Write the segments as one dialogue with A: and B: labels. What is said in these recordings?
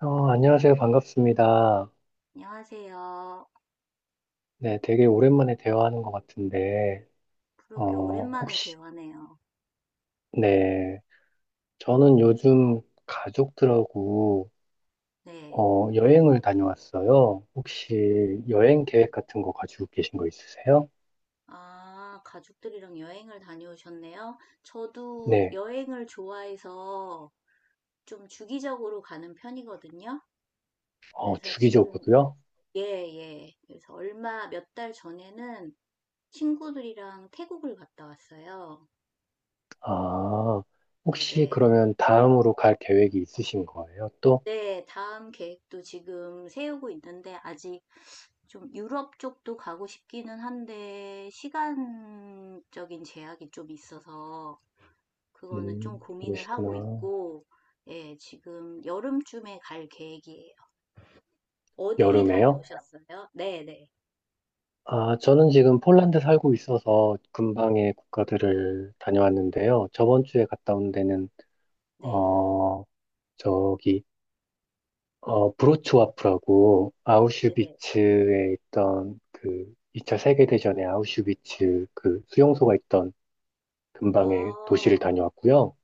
A: 안녕하세요. 반갑습니다.
B: 안녕하세요.
A: 네, 되게 오랜만에 대화하는 것 같은데,
B: 그러게 오랜만에
A: 혹시,
B: 대화네요.
A: 네, 저는 요즘 가족들하고,
B: 네.
A: 여행을 다녀왔어요. 혹시 여행 계획 같은 거 가지고 계신 거 있으세요?
B: 아, 가족들이랑 여행을 다녀오셨네요. 저도
A: 네,
B: 여행을 좋아해서 좀 주기적으로 가는 편이거든요. 그래서 지금,
A: 주기적으로요?
B: 예, 예. 그래서 몇 달 전에는 친구들이랑 태국을 갔다 왔어요.
A: 아, 혹시
B: 네네.
A: 그러면 다음으로 갈 계획이 있으신 거예요? 또?
B: 네, 다음 계획도 지금 세우고 있는데, 아직 좀 유럽 쪽도 가고 싶기는 한데, 시간적인 제약이 좀 있어서, 그거는 좀 고민을 하고
A: 그러시구나.
B: 있고, 예, 지금 여름쯤에 갈 계획이에요. 어디
A: 여름에요?
B: 다녀오셨어요? 네네.
A: 아, 저는 지금 폴란드 살고 있어서 근방의
B: 아,
A: 국가들을 다녀왔는데요. 저번 주에 갔다 온 데는,
B: 네,
A: 어, 저기, 브로츠와프라고
B: 네네.
A: 아우슈비츠에 있던 그 2차 세계대전의 아우슈비츠 그 수용소가 있던 근방의 도시를
B: 아,
A: 다녀왔고요.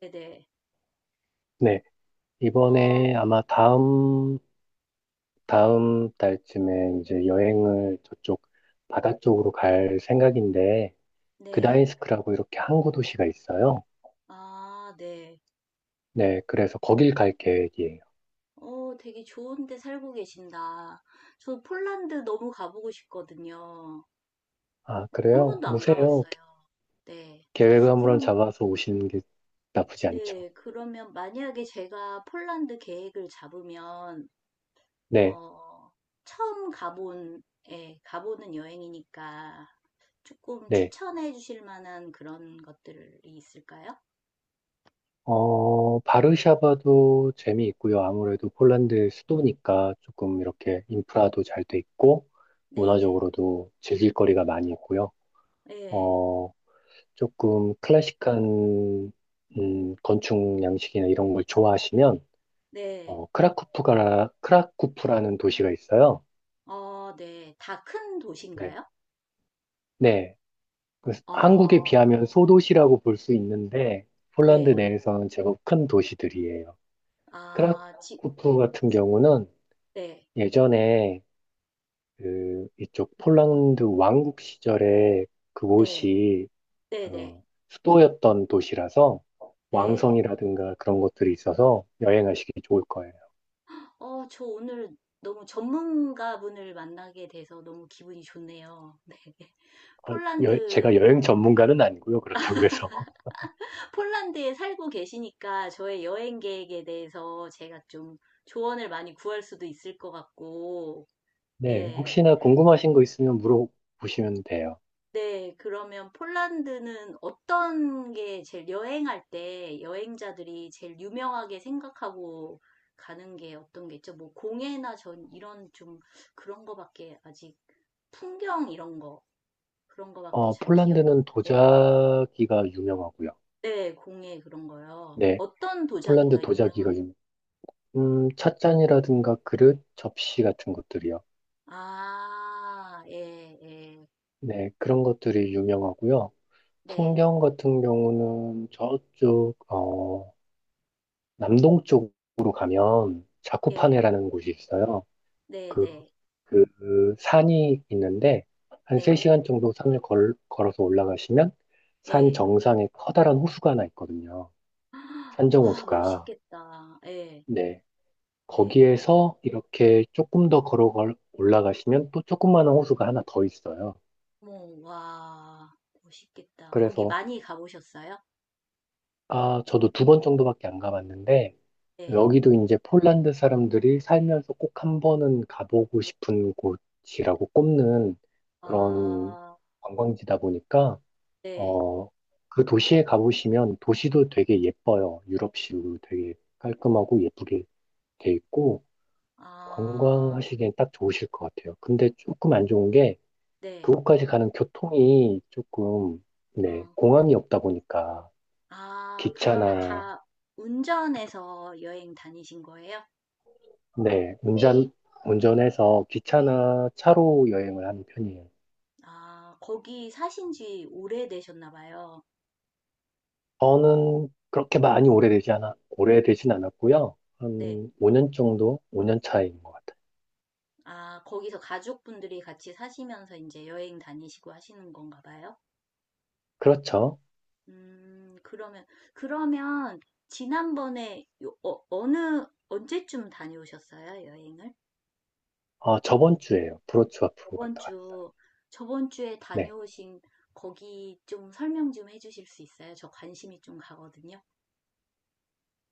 B: 네네.
A: 네.
B: 어,
A: 이번에 아마 다음 달쯤에 이제 여행을 저쪽 바다 쪽으로 갈 생각인데,
B: 네.
A: 그다인스크라고 이렇게 항구 도시가 있어요.
B: 아, 네.
A: 네, 그래서 거길 갈 계획이에요.
B: 되게 좋은 데 살고 계신다. 저 폴란드 너무 가보고 싶거든요.
A: 아,
B: 한
A: 그래요?
B: 번도 안
A: 오세요.
B: 가봤어요. 네.
A: 계획을 한번
B: 그럼,
A: 잡아서 오시는 게 나쁘지 않죠.
B: 네, 그러면 만약에 제가 폴란드 계획을 잡으면,
A: 네,
B: 어, 처음 가본, 예, 가보는 여행이니까 조금
A: 네.
B: 추천해 주실 만한 그런 것들이 있을까요?
A: 바르샤바도 재미있고요. 아무래도 폴란드 수도니까 조금 이렇게 인프라도 잘 돼 있고,
B: 네네.
A: 문화적으로도 즐길 거리가 많이 있고요.
B: 네, 예,
A: 어, 조금 클래식한, 건축 양식이나 이런 걸 좋아하시면,
B: 네.
A: 크라쿠프라는 도시가 있어요.
B: 어, 네. 다 큰
A: 네.
B: 도시인가요?
A: 네, 그 한국에
B: 어,
A: 비하면 소도시라고 볼 수 있는데 폴란드
B: 네. 예.
A: 내에서는 제법 큰 도시들이에요.
B: 아,
A: 크라쿠프 같은 경우는
B: 네.
A: 예전에 그 이쪽 폴란드 왕국 시절에
B: 네.
A: 그곳이
B: 네네.
A: 어, 수도였던 도시라서
B: 네. 네.
A: 왕성이라든가 그런 것들이 있어서 여행하시기 좋을 거예요.
B: 저 오늘 너무 전문가분을 만나게 돼서 너무 기분이 좋네요. 네.
A: 아, 제가
B: 폴란드,
A: 여행 전문가는 아니고요. 그렇다고 해서.
B: 폴란드에 살고 계시니까 저의 여행 계획에 대해서 제가 좀 조언을 많이 구할 수도 있을 것 같고, 예.
A: 네,
B: 네.
A: 혹시나 궁금하신 거 있으면 물어보시면 돼요.
B: 네, 그러면 폴란드는 어떤 게 제일 여행할 때 여행자들이 제일 유명하게 생각하고 가는 게 어떤 게 있죠? 뭐 공예나 전 이런 좀 그런 거밖에 아직 풍경 이런 거. 그런 거밖에 잘 기억이
A: 폴란드는
B: 예.
A: 도자기가 유명하고요.
B: 네, 공예 그런 거요.
A: 네,
B: 어떤
A: 폴란드
B: 도자기가
A: 도자기가
B: 유명한 거?
A: 유명. 찻잔이라든가 그릇, 접시 같은 것들이요.
B: 아, 예, 예.
A: 네, 그런 것들이 유명하고요.
B: 네,
A: 풍경 같은 경우는 저쪽, 남동쪽으로 가면
B: 예,
A: 자쿠파네라는 곳이 있어요.
B: 네,
A: 그,
B: 네,
A: 그 산이 있는데 한
B: 네,
A: 3시간 정도 산을 걸어서 올라가시면 산
B: 네.
A: 정상에 커다란 호수가 하나 있거든요. 산정
B: 와,
A: 호수가.
B: 멋있겠다. 예,
A: 네,
B: 네.
A: 거기에서 이렇게 조금 더 걸어 올라가시면 또 조그마한 호수가 하나 더 있어요.
B: 뭐, 와, 멋있겠다. 거기
A: 그래서
B: 많이 가보셨어요?
A: 아, 저도 2번 정도밖에 안 가봤는데
B: 네.
A: 여기도 이제 폴란드 사람들이 살면서 꼭 한 번은 가보고 싶은 곳이라고 꼽는 그런
B: 아,
A: 관광지다 보니까
B: 네.
A: 어, 그 도시에 가보시면 도시도 되게 예뻐요. 유럽식으로 되게 깔끔하고 예쁘게 돼 있고
B: 아,
A: 관광하시기엔 딱 좋으실 것 같아요. 근데 조금 안 좋은 게
B: 네.
A: 그곳까지 가는 교통이 조금, 네,
B: 어.
A: 공항이 없다 보니까
B: 아, 그러면
A: 기차나,
B: 다 운전해서 여행 다니신 거예요?
A: 네, 운전해서 기차나 차로 여행을 하는 편이에요.
B: 아, 거기 사신 지 오래되셨나 봐요.
A: 저는 그렇게 많이 오래되지 않아, 오래되진 않았고요.
B: 네.
A: 한 5년 정도, 5년 차인 것 같아요.
B: 아, 거기서 가족분들이 같이 사시면서 이제 여행 다니시고 하시는 건가 봐요.
A: 그렇죠.
B: 음, 그러면, 그러면, 지난번에, 언제쯤 다녀오셨어요, 여행을?
A: 아, 저번 주에요. 브로츠와프로
B: 저번
A: 갔다 왔어요.
B: 주, 저번 주에
A: 네.
B: 다녀오신 거기 좀 설명 좀 해주실 수 있어요? 저 관심이 좀 가거든요.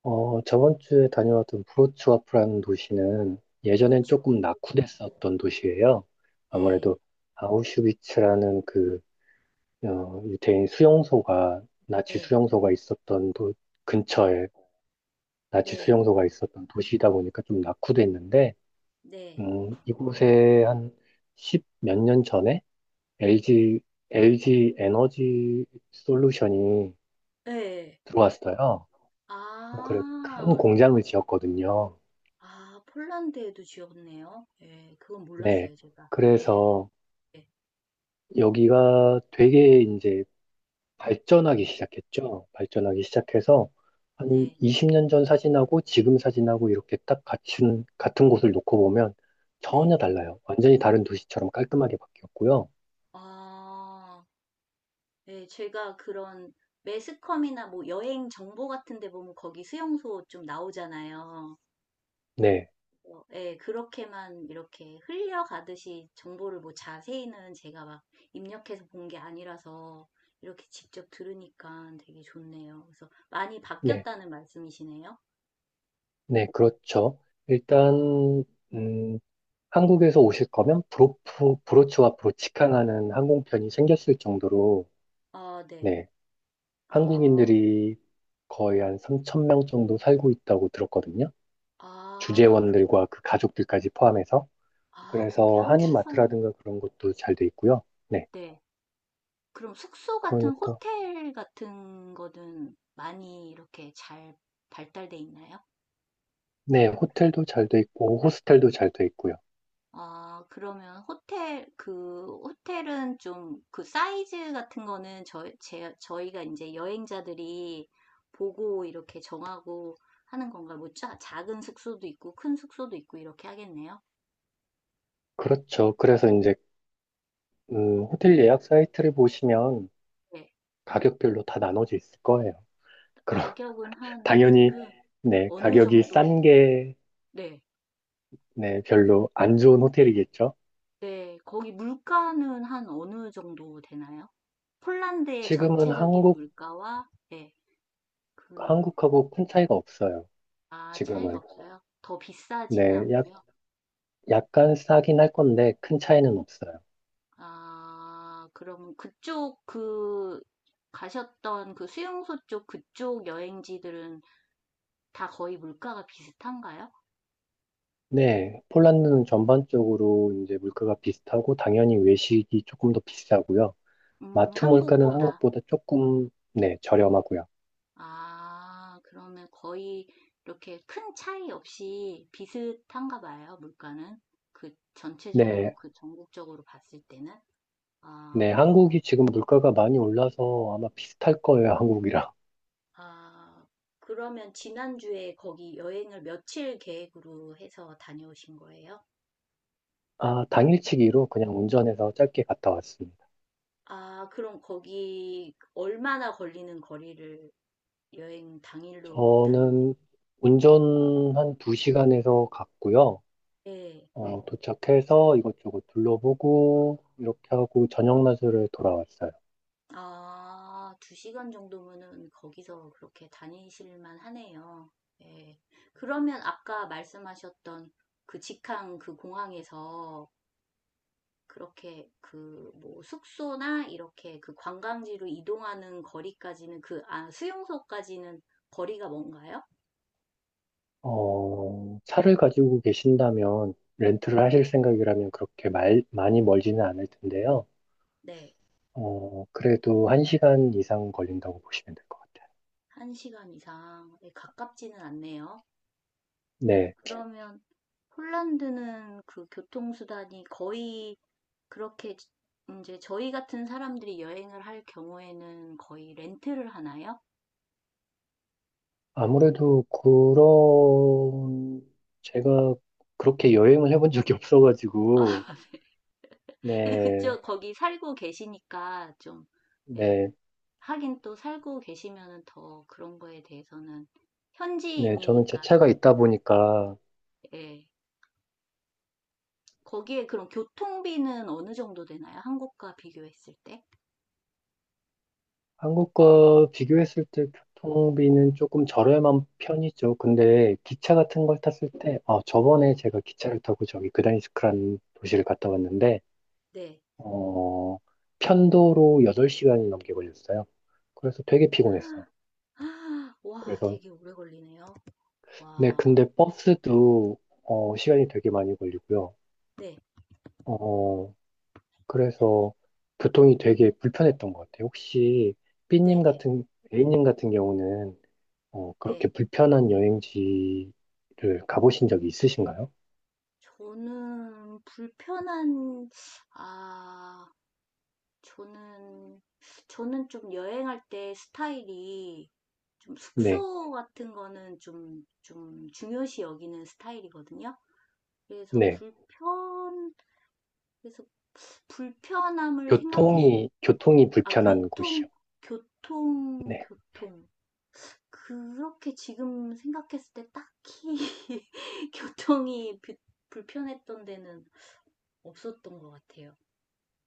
A: 저번 주에 다녀왔던 브로츠와프라는 도시는 예전엔
B: 그렇죠.
A: 조금 낙후됐었던 도시예요.
B: 네,
A: 아무래도 아우슈비츠라는 유태인 수용소가, 나치
B: 네,
A: 수용소가 있었던 근처에 나치
B: 네,
A: 수용소가 있었던 도시이다 보니까 좀 낙후됐는데,
B: 네,
A: 이곳에 한 십몇 년 전에 LG, LG 에너지 솔루션이
B: 네.
A: 들어왔어요. 그래, 큰
B: 아,
A: 공장을 지었거든요.
B: 아, 폴란드에도 지었네요. 예, 그건
A: 네.
B: 몰랐어요, 제가. 예,
A: 그래서
B: 예,
A: 여기가 되게 이제 발전하기 시작했죠. 발전하기 시작해서 한
B: 네,
A: 20년 전 사진하고 지금 사진하고 이렇게 딱 같은 곳을 놓고 보면
B: 네.
A: 전혀 달라요. 완전히 다른 도시처럼 깔끔하게 바뀌었고요.
B: 아, 예, 제가 그런 매스컴이나 뭐 여행 정보 같은 데 보면 거기 수용소 좀 나오잖아요.
A: 네,
B: 예, 그렇게만 이렇게 흘려가듯이 정보를 뭐 자세히는 제가 막 입력해서 본 게 아니라서 이렇게 직접 들으니까 되게 좋네요. 그래서 많이
A: 네,
B: 바뀌었다는 말씀이시네요.
A: 네, 그렇죠. 일단,
B: 아,
A: 음, 한국에서 오실 거면 브로치와 브로치캉하는 항공편이 생겼을 정도로,
B: 아, 네.
A: 네,
B: 아,
A: 한국인들이 거의 한 3천 명 정도 살고 있다고 들었거든요.
B: 아, 그래요?
A: 주재원들과 그 가족들까지 포함해서.
B: 아, 거기
A: 그래서
B: 한국 사람
A: 한인마트라든가 그런 것도 잘 돼 있고요. 네.
B: 네. 그럼 숙소 같은
A: 그러니까,
B: 호텔 같은 거는 많이 이렇게 잘 발달돼 있나요?
A: 네. 호텔도 잘 돼 있고, 호스텔도 잘 돼 있고요.
B: 아, 그러면 호텔 그 호텔은 좀 그 사이즈 같은 거는 저희가 이제 여행자들이 보고 이렇게 정하고 하는 건가? 뭐 작은 숙소도 있고 큰 숙소도 있고 이렇게 하겠네요.
A: 그렇죠. 그래서 이제, 호텔 예약 사이트를 보시면
B: 네.
A: 가격별로 다 나눠져 있을 거예요. 그럼,
B: 가격은 한 네,
A: 당연히, 네.
B: 어느
A: 가격이
B: 정도?
A: 싼 게,
B: 네.
A: 네. 별로 안 좋은 호텔이겠죠.
B: 네, 거기 물가는 한 어느 정도 되나요? 폴란드의
A: 지금은
B: 전체적인
A: 한국,
B: 물가와, 네, 그,
A: 한국하고 큰 차이가 없어요.
B: 아, 차이가
A: 지금은.
B: 없어요? 더 비싸지는
A: 네. 약,
B: 않고요.
A: 약간 싸긴 할 건데, 큰 차이는 없어요.
B: 아, 그럼 그쪽, 가셨던 그 수용소 쪽 그쪽 여행지들은 다 거의 물가가 비슷한가요?
A: 네, 폴란드는 전반적으로 이제 물가가 비슷하고 당연히 외식이 조금 더 비싸고요. 마트 물가는
B: 한국보다.
A: 한국보다 조금 네, 저렴하고요.
B: 아, 그러면 거의 이렇게 큰 차이 없이 비슷한가 봐요, 물가는. 그 전체적으로,
A: 네,
B: 그 전국적으로 봤을 때는.
A: 네,
B: 아,
A: 한국이 지금 물가가 많이 올라서 아마 비슷할 거예요, 한국이랑.
B: 아, 그러면 지난주에 거기 여행을 며칠 계획으로 해서 다녀오신 거예요?
A: 아, 당일치기로 그냥 운전해서 짧게 갔다 왔습니다.
B: 아, 그럼 거기 얼마나 걸리는 거리를 여행 당일로 다녀오신
A: 저는 운전 한 두시간에서 갔고요.
B: 거예요?
A: 도착해서 이것저것 둘러보고 이렇게 하고 저녁 낮으로 돌아왔어요.
B: 아, 2시간 정도면은 거기서 그렇게 다니실만 하네요. 예. 그러면 아까 말씀하셨던 그 직항 그 공항에서 그렇게 그 뭐 숙소나 이렇게 그 관광지로 이동하는 거리까지는 그, 아, 수용소까지는 거리가 뭔가요?
A: 차를 가지고 계신다면 렌트를
B: 네.
A: 하실 생각이라면 그렇게 많이 멀지는 않을 텐데요.
B: 네.
A: 그래도 1시간 이상 걸린다고 보시면 될 것 같아요.
B: 1시간 이상. 네, 가깝지는 않네요. 네.
A: 네.
B: 그러면 폴란드는 그 교통수단이 거의 그렇게 이제 저희 같은 사람들이 여행을 할 경우에는 거의 렌트를 하나요?
A: 아무래도 그런 제가 그렇게 여행을 해본 적이 없어가지고
B: 근데
A: 네.
B: 그쪽 거기 살고 계시니까 좀, 예,
A: 네.
B: 하긴 또 살고 계시면은 더 그런 거에 대해서는
A: 네. 저는 제
B: 현지인이니까
A: 차가
B: 잘,
A: 있다 보니까
B: 예. 거기에 그럼 교통비는 어느 정도 되나요? 한국과 비교했을 때?
A: 한국과 비교했을 때 교통비는 조금 저렴한 편이죠. 근데 기차 같은 걸 탔을 때, 저번에 제가 기차를 타고 저기 그다니스크라는 도시를 갔다 왔는데,
B: 네.
A: 어, 편도로 8시간이 넘게 걸렸어요. 그래서 되게 피곤했어요.
B: 아, 와,
A: 그래서,
B: 되게 오래 걸리네요.
A: 네,
B: 와,
A: 근데 버스도, 시간이 되게 많이 걸리고요.
B: 네,
A: 어, 그래서 교통이 되게 불편했던 것 같아요. 혹시 b
B: 네,
A: 님
B: 네,
A: 같은, A님 같은 경우는 그렇게
B: 네.
A: 불편한 여행지를 가보신 적이 있으신가요?
B: 저는 불편한, 아, 저는, 저는 좀 여행할 때 스타일이 좀
A: 네,
B: 숙소 같은 거는 좀, 좀 중요시 여기는 스타일이거든요. 그래서
A: 네.
B: 불편, 그래서 불편함을 생각했을, 때,
A: 교통이
B: 아,
A: 불편한 곳이요.
B: 교통, 교통,
A: 네.
B: 교통. 그렇게 지금 생각했을 때 딱히 교통이 불편했던 데는 없었던 것 같아요.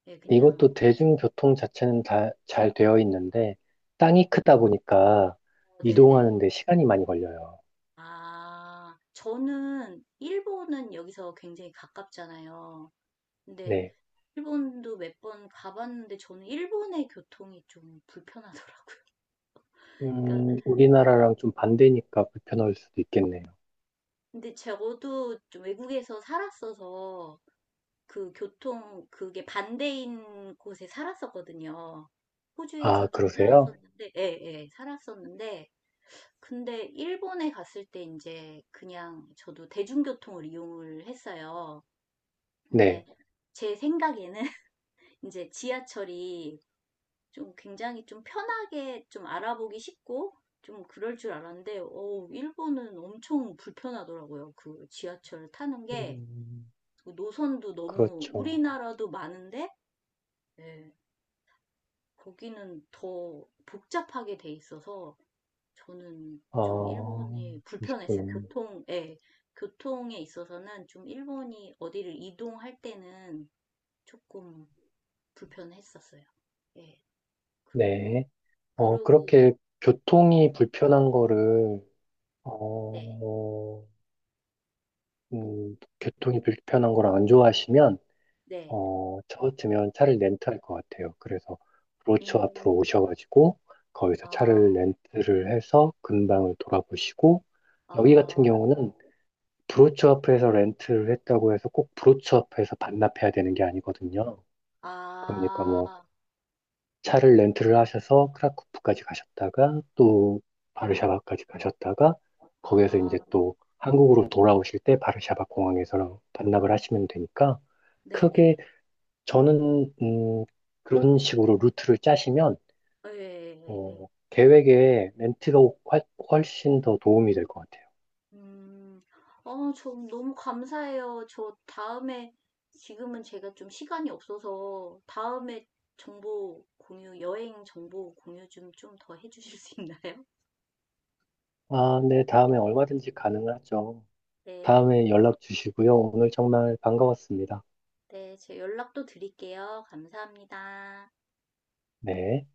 B: 예, 그냥,
A: 이것도 대중교통 자체는 다 잘 되어 있는데, 땅이 크다 보니까
B: 어, 네네.
A: 이동하는데 시간이 많이 걸려요.
B: 아, 저는 일본은 여기서 굉장히 가깝잖아요. 근데
A: 네.
B: 일본도 몇 번 가봤는데 저는 일본의 교통이 좀 불편하더라고요. 그러니까, 예.
A: 우리나라랑 좀 반대니까 불편할 수도 있겠네요.
B: 근데 저도 좀 외국에서 살았어서 그 교통, 그게 반대인 곳에 살았었거든요.
A: 아,
B: 호주에서 좀
A: 그러세요?
B: 살았었는데, 예, 예, 살았었는데, 근데 일본에 갔을 때 이제 그냥 저도 대중교통을 이용을 했어요. 근데
A: 네.
B: 제 생각에는 이제 지하철이 좀 굉장히 좀 편하게 좀 알아보기 쉽고 좀 그럴 줄 알았는데, 일본은 엄청 불편하더라고요. 그 지하철 타는 게
A: 음,
B: 노선도 너무
A: 그렇죠.
B: 우리나라도 많은데, 예, 거기는 더 복잡하게 돼 있어서 저는 좀
A: 아,
B: 일본이 불편했어요.
A: 그러셨구나.
B: 교통, 예, 교통에 있어서는 좀 일본이 어디를 이동할 때는 조금 불편했었어요. 예, 그러고,
A: 네. 어,
B: 그러고,
A: 그렇게 교통이 불편한 거를,
B: 네,
A: 어, 교통이 불편한 걸 안 좋아하시면,
B: 네,
A: 저 같으면 차를 렌트할 것 같아요. 그래서 브로처
B: 음,
A: 앞으로 오셔가지고, 거기서 차를
B: 아,
A: 렌트를 해서 근방을 돌아보시고, 여기 같은
B: 아,
A: 경우는 브로처 앞에서 렌트를 했다고 해서 꼭 브로처 앞에서 반납해야 되는 게 아니거든요. 그러니까 뭐,
B: 아,
A: 차를 렌트를 하셔서 크라쿠프까지 가셨다가 또 바르샤바까지 가셨다가 거기에서
B: 아,
A: 이제 또 한국으로 돌아오실 때 바르샤바 공항에서 반납을 하시면 되니까
B: 네네,
A: 크게 저는 그런 식으로 루트를 짜시면
B: 예, 예, 예, 예.
A: 계획에 렌트가 훨씬 더 도움이 될 것 같아요.
B: 음. 저 너무 감사해요. 저 다음에 지금은 제가 좀 시간이 없어서 다음에 정보 공유, 여행 정보 공유 좀 좀 더 해주실 수 있나요?
A: 아, 네, 다음에 얼마든지 가능하죠.
B: 네,
A: 다음에 연락 주시고요. 오늘 정말 반가웠습니다.
B: 네, 제가 연락도 드릴게요. 감사합니다.
A: 네.